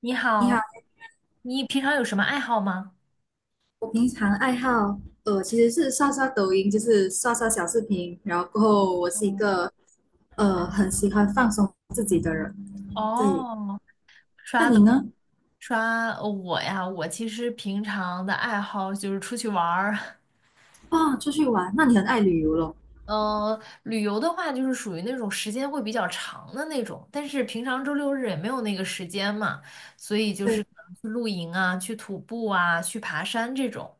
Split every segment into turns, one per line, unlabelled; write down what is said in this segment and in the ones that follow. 你
你
好，
好，
你平常有什么爱好吗？
我平常爱好其实是刷刷抖音，就是刷刷小视频，然后过后我是一
嗯，
个很喜欢放松自己的人。对，
哦，刷
那你
抖音
呢？
我呀，我其实平常的爱好就是出去玩儿。
哇，出去玩，那你很爱旅游咯。
嗯，旅游的话就是属于那种时间会比较长的那种，但是平常周六日也没有那个时间嘛，所以就是
对，
可能去露营啊，去徒步啊，去爬山这种，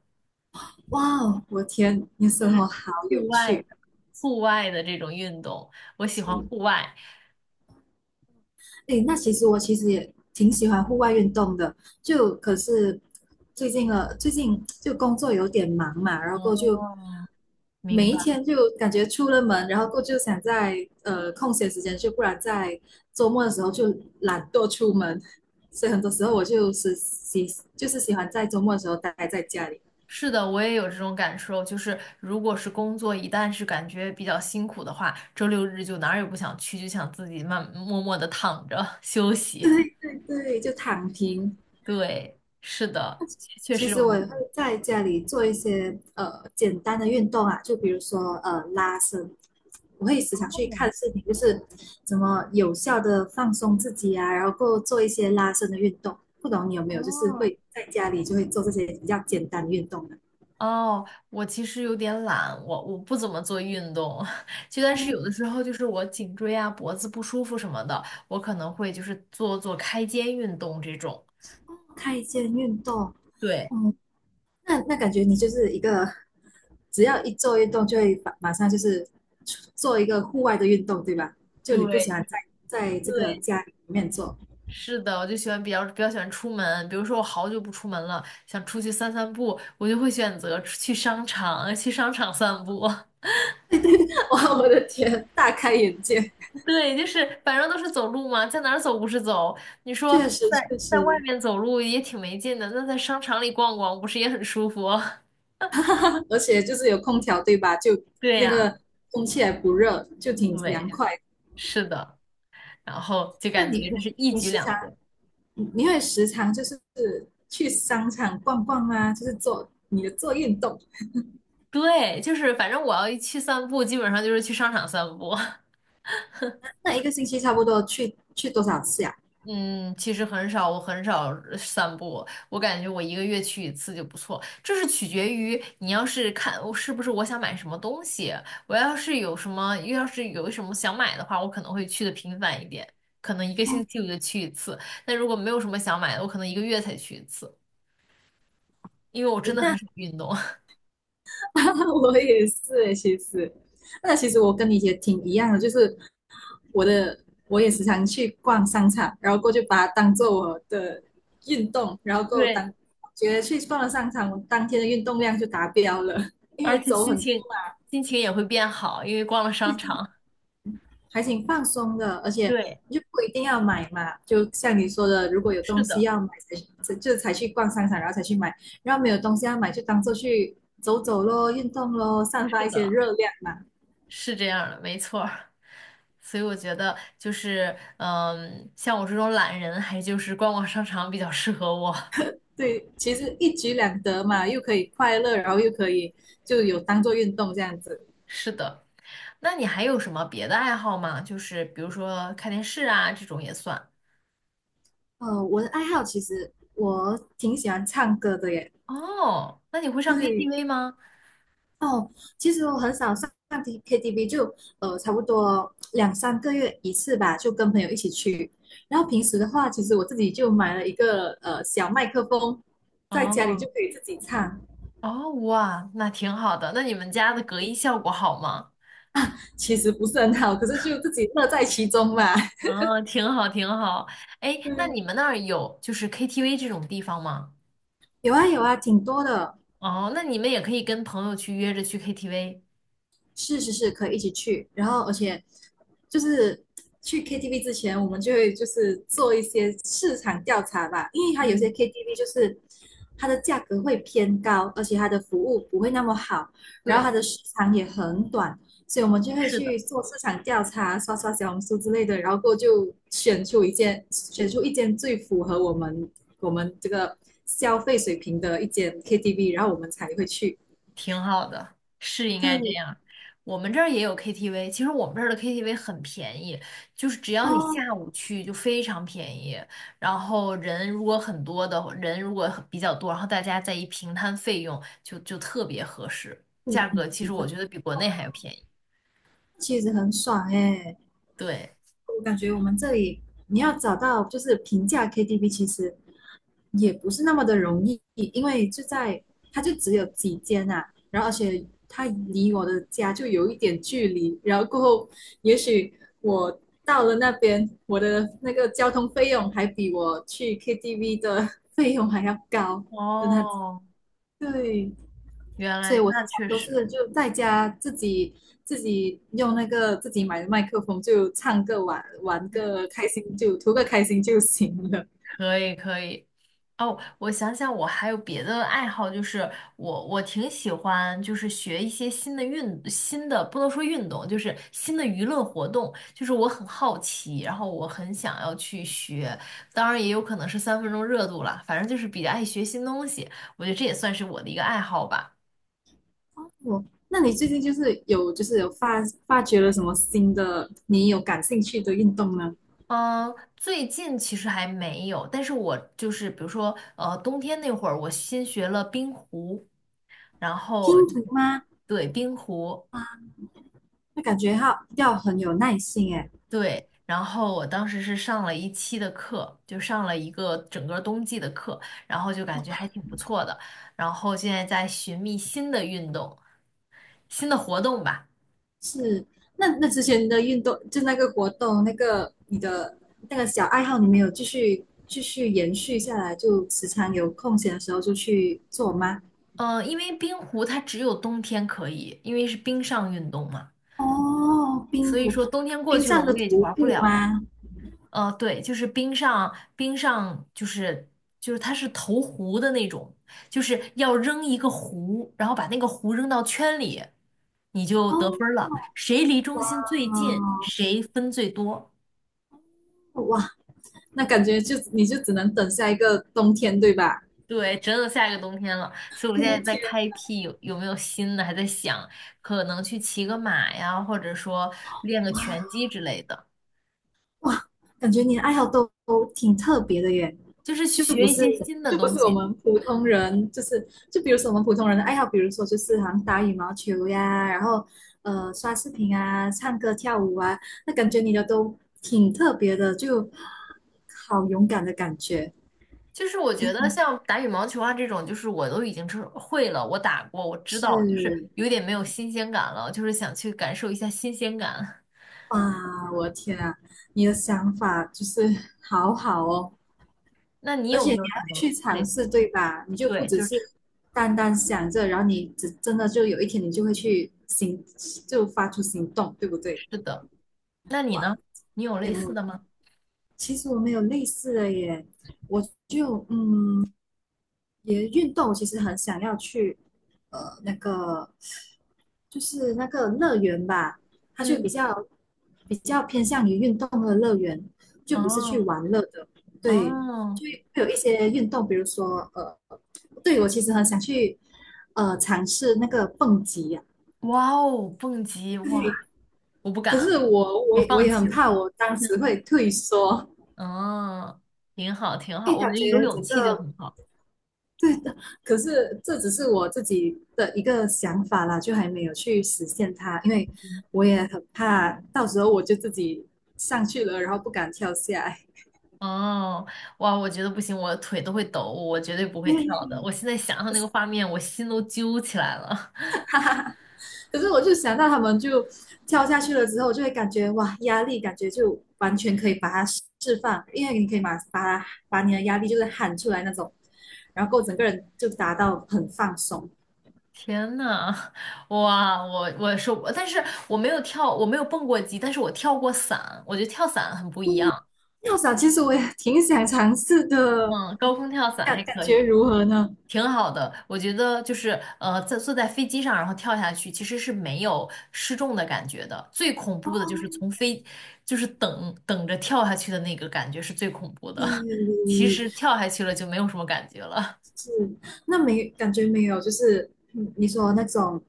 哇哦，我天，你的
就
生活
是
好
户
有
外的
趣。
户外的这种运动，我喜欢户外。
诶，那其实我其实也挺喜欢户外运动的，就可是最近就工作有点忙嘛，然后过后就
哦，明
每一
白。
天就感觉出了门，然后过就想在空闲时间去，不然在周末的时候就懒惰出门，所以很多时候我就是喜欢在周末的时候待在家里。
是的，我也有这种感受，就是如果是工作一旦是感觉比较辛苦的话，周六日就哪儿也不想去，就想自己默默的躺着 休 息。
对对对，就躺平，
对，是的，确确
其
实
实
容
我
易。
也会在家里做一些简单的运动啊，就比如说拉伸，我会时常去看视频，就是怎么有效的放松自己啊，然后够做一些拉伸的运动。不懂你有没有就是
哦，
会在家里就会做这些比较简单的运动呢？
哦，我其实有点懒，我不怎么做运动，就但是
哦，
有的时候就是我颈椎啊、脖子不舒服什么的，我可能会就是做做开肩运动这种。
开间运动，
对
嗯，那感觉你就是一个只要一做运动就会马上就是做一个户外的运动，对吧？就你不喜
对
欢在这个
对，
家里面做。
是的，我就喜欢比较喜欢出门，比如说我好久不出门了，想出去散散步，我就会选择出去商场，去商场散步。
哇，我的天，大开眼界，
对，就是反正都是走路嘛，在哪儿走不是走？你说
确实
在
确
在外
实，
面走路也挺没劲的，那在商场里逛逛不是也很舒服？
而且就是有空调对吧？就
对
那
呀，
个空气还不热，就挺
对，
凉快的。
是的，然后就
那
感
你
觉这是
你
一
你
举
时
两
常
得。
你你会时常就是去商场逛逛啊，就是做你的做运动，
对，就是反正我要一去散步，基本上就是去商场散步。
那一个星期差不多去多少次呀、
嗯，其实很少，我很少散步，我感觉我一个月去一次就不错。这是取决于你要是看我是不是我想买什么东西，我要是有什么，要是有什么想买的话，我可能会去的频繁一点，可能一个星
哦，
期我就去一次。但如果没有什么想买的，我可能一个月才去一次，因为我真的很
那
少运动。
我也是诶，其实，那其实我跟你也挺一样的，就是我的我也时常去逛商场，然后过去把它当做我的运动，然后够
对，
觉得去逛了商场，我当天的运动量就达标了，因
而
为
且
走
心
很
情心情也会变好，因为逛了商场。
还挺放松的，而且
对，
你就不一定要买嘛，就像你说的，如果有东
是
西
的，
要买才去逛商场，然后才去买，然后没有东西要买就当做去走走咯，运动咯，散
是
发一些
的，
热量嘛。
是这样的，没错儿。所以我觉得就是，嗯，像我这种懒人，还就是逛逛商场比较适合我。
对，其实一举两得嘛，又可以快乐，然后又可以就有当做运动这样子。
是的，那你还有什么别的爱好吗？就是比如说看电视啊，这种也算。
我的爱好其实我挺喜欢唱歌的耶。
哦，那你会上
对，
KTV 吗？
哦，其实我很少上 KTV,就差不多两三个月一次吧，就跟朋友一起去。然后平时的话，其实我自己就买了一个小麦克风，在家里就
哦
可以自己唱。
哦，哇，那挺好的。那你们家的隔音效果好吗？
其实不是很好，可是就自己乐在其中嘛。
哦，挺好，挺好。哎，那
对，
你们那儿有就是 KTV 这种地方吗？
有啊有啊，挺多的。
哦，那你们也可以跟朋友去约着去 KTV。
是是是，可以一起去。然后，而且就是去 KTV 之前，我们就会就是做一些市场调查吧，因为它有些
嗯，
KTV 就是它的价格会偏高，而且它的服务不会那么好，然后
对。
它的时长也很短，所以我们就会
是的。
去做市场调查，刷刷小红书之类的，然后过后就选出一间，选出一间最符合我们这个消费水平的一间 KTV,然后我们才会去。
挺好的，是应该这
对，
样。我们这儿也有 KTV，其实我们这儿的 KTV 很便宜，就是只要你
哦，
下午去就非常便宜。然后人如果很比较多，然后大家再一平摊费用就，特别合适。价
嗯，
格其实我觉得比国内还要便宜。
其实很爽哎、
对，
我感觉我们这里你要找到就是平价 KTV,其实也不是那么的容易，因为就在它就只有几间啊，然后而且它离我的家就有一点距离，然后过后也许我到了那边，我的那个交通费用还比我去 KTV 的费用还要高的那，
哦，
对，
原
所以
来
我时
那
常
确
都
实，
是就在家自己用那个自己买的麦克风就唱个玩个开心就图个开心就行了。
可以可以。哦，我想想，我还有别的爱好，就是我挺喜欢，就是学一些新的新的，不能说运动，就是新的娱乐活动。就是我很好奇，然后我很想要去学，当然也有可能是三分钟热度了，反正就是比较爱学新东西。我觉得这也算是我的一个爱好吧。
我，那你最近就是有发掘了什么新的你有感兴趣的运动呢？
嗯，最近其实还没有，但是我就是比如说，冬天那会儿我新学了冰壶，然
拼
后
图吗？
对冰壶，
那感觉要很有耐心诶。
对，然后我当时是上了一期的课，就上了一个整个冬季的课，然后就感觉还挺不错的。然后现在在寻觅新的运动、新的活动吧。
是，那之前的运动就那个活动那个你的那个小爱好你没有继续延续下来，就时常有空闲的时候就去做吗？
嗯，因为冰壶它只有冬天可以，因为是冰上运动嘛，
哦，冰
所以
徒，
说冬天过
冰
去了，
上的
我也就
徒
玩不
步
了了。
吗？
对，就是冰上就是就是它是投壶的那种，就是要扔一个壶，然后把那个壶扔到圈里，你就得分
哦，
儿了。谁离中心
哇，
最近，谁分最多。
哇，那感觉就你就只能等下一个冬天，对吧？
对，真的下一个冬天了，所以我现在
冬
在
天，
开辟有没有新的，还在想可能去骑个马呀，或者说练个拳击之类的，
哇，感觉你的爱好都挺特别的耶，
就是去
就不
学一
是
些新的
就不
东
是我
西。
们普通人，就是就比如说我们普通人的爱好，比如说就是好像打羽毛球呀，然后刷视频啊、唱歌跳舞啊，那感觉你的都挺特别的，就好勇敢的感觉，
就是我觉得像打羽毛球啊这种，就是我都已经是会了，我打过，我知道，就是
是
有点没有新鲜感了，就是想去感受一下新鲜感。
哇，我的天啊，你的想法就是 好好哦，
那你
而
有
且
没
你
有什
还会
么
去
类
尝
似？
试，对吧？你就不
对，就
只
是
是单单想着，然后你只真的就有一天你就会去行，就发出行动，对不对？
吃的。那你
哇，
呢？你有类
羡
似
慕。
的吗？
其实我没有类似的耶，我就也运动，其实很想要去呃那个就是那个乐园吧，它就比
嗯，
较比较偏向于运动的乐园，就不是去
哦，
玩乐的。对，
哦，
就会有一些运动，比如说对我其实很想去尝试那个蹦极呀、
哇哦，蹦极，哇，
对，
我不
可
敢，
是我
我
我我
放
也
弃
很
了。
怕，我当时 会退缩，
嗯，挺好，挺
因
好，
为
我
感
觉得有
觉
勇
整
气就
个
很好。
可是这只是我自己的一个想法啦，就还没有去实现它，因为我也很怕到时候我就自己上去了，然后不敢跳下来。
哦，哇，我觉得不行，我腿都会抖，我绝对不会跳的。我现在想想那个画面，我心都揪起来了。
可是我就想到他们就跳下去了之后，就会感觉哇，压力感觉就完全可以把它释放，因为你可以把你的压力就是喊出来那种，然后整个人就达到很放松。
天呐，哇，我是，但是我没有跳，我没有蹦过极，但是我跳过伞，我觉得跳伞很不一样。
要想，其实我也挺想尝试的，
嗯，高空跳伞
感
还
感
可
觉
以。
如何呢？
挺好的，我觉得就是在坐在飞机上，然后跳下去，其实是没有失重的感觉的。最恐怖的就是就是等着跳下去的那个感觉是最恐怖的。
对 对对
其实
对
跳下去了就没有什么感觉了。
是，那没感觉没有，就是你说那种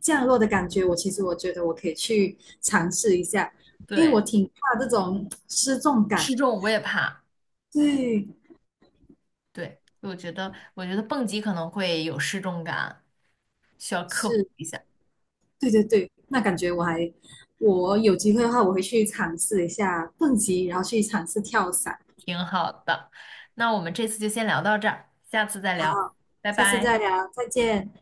降落的感觉，我其实我觉得我可以去尝试一下，因为我
对，
挺怕这种失重感。
失重我也怕。
对，
对，我觉得蹦极可能会有失重感，需要克服
是，
一下。
对对对，那感觉我还，我有机会的话，我会去尝试一下蹦极，然后去尝试跳伞。
挺好的，那我们这次就先聊到这儿，下次再
好，
聊，拜
下次
拜。
再聊，再见。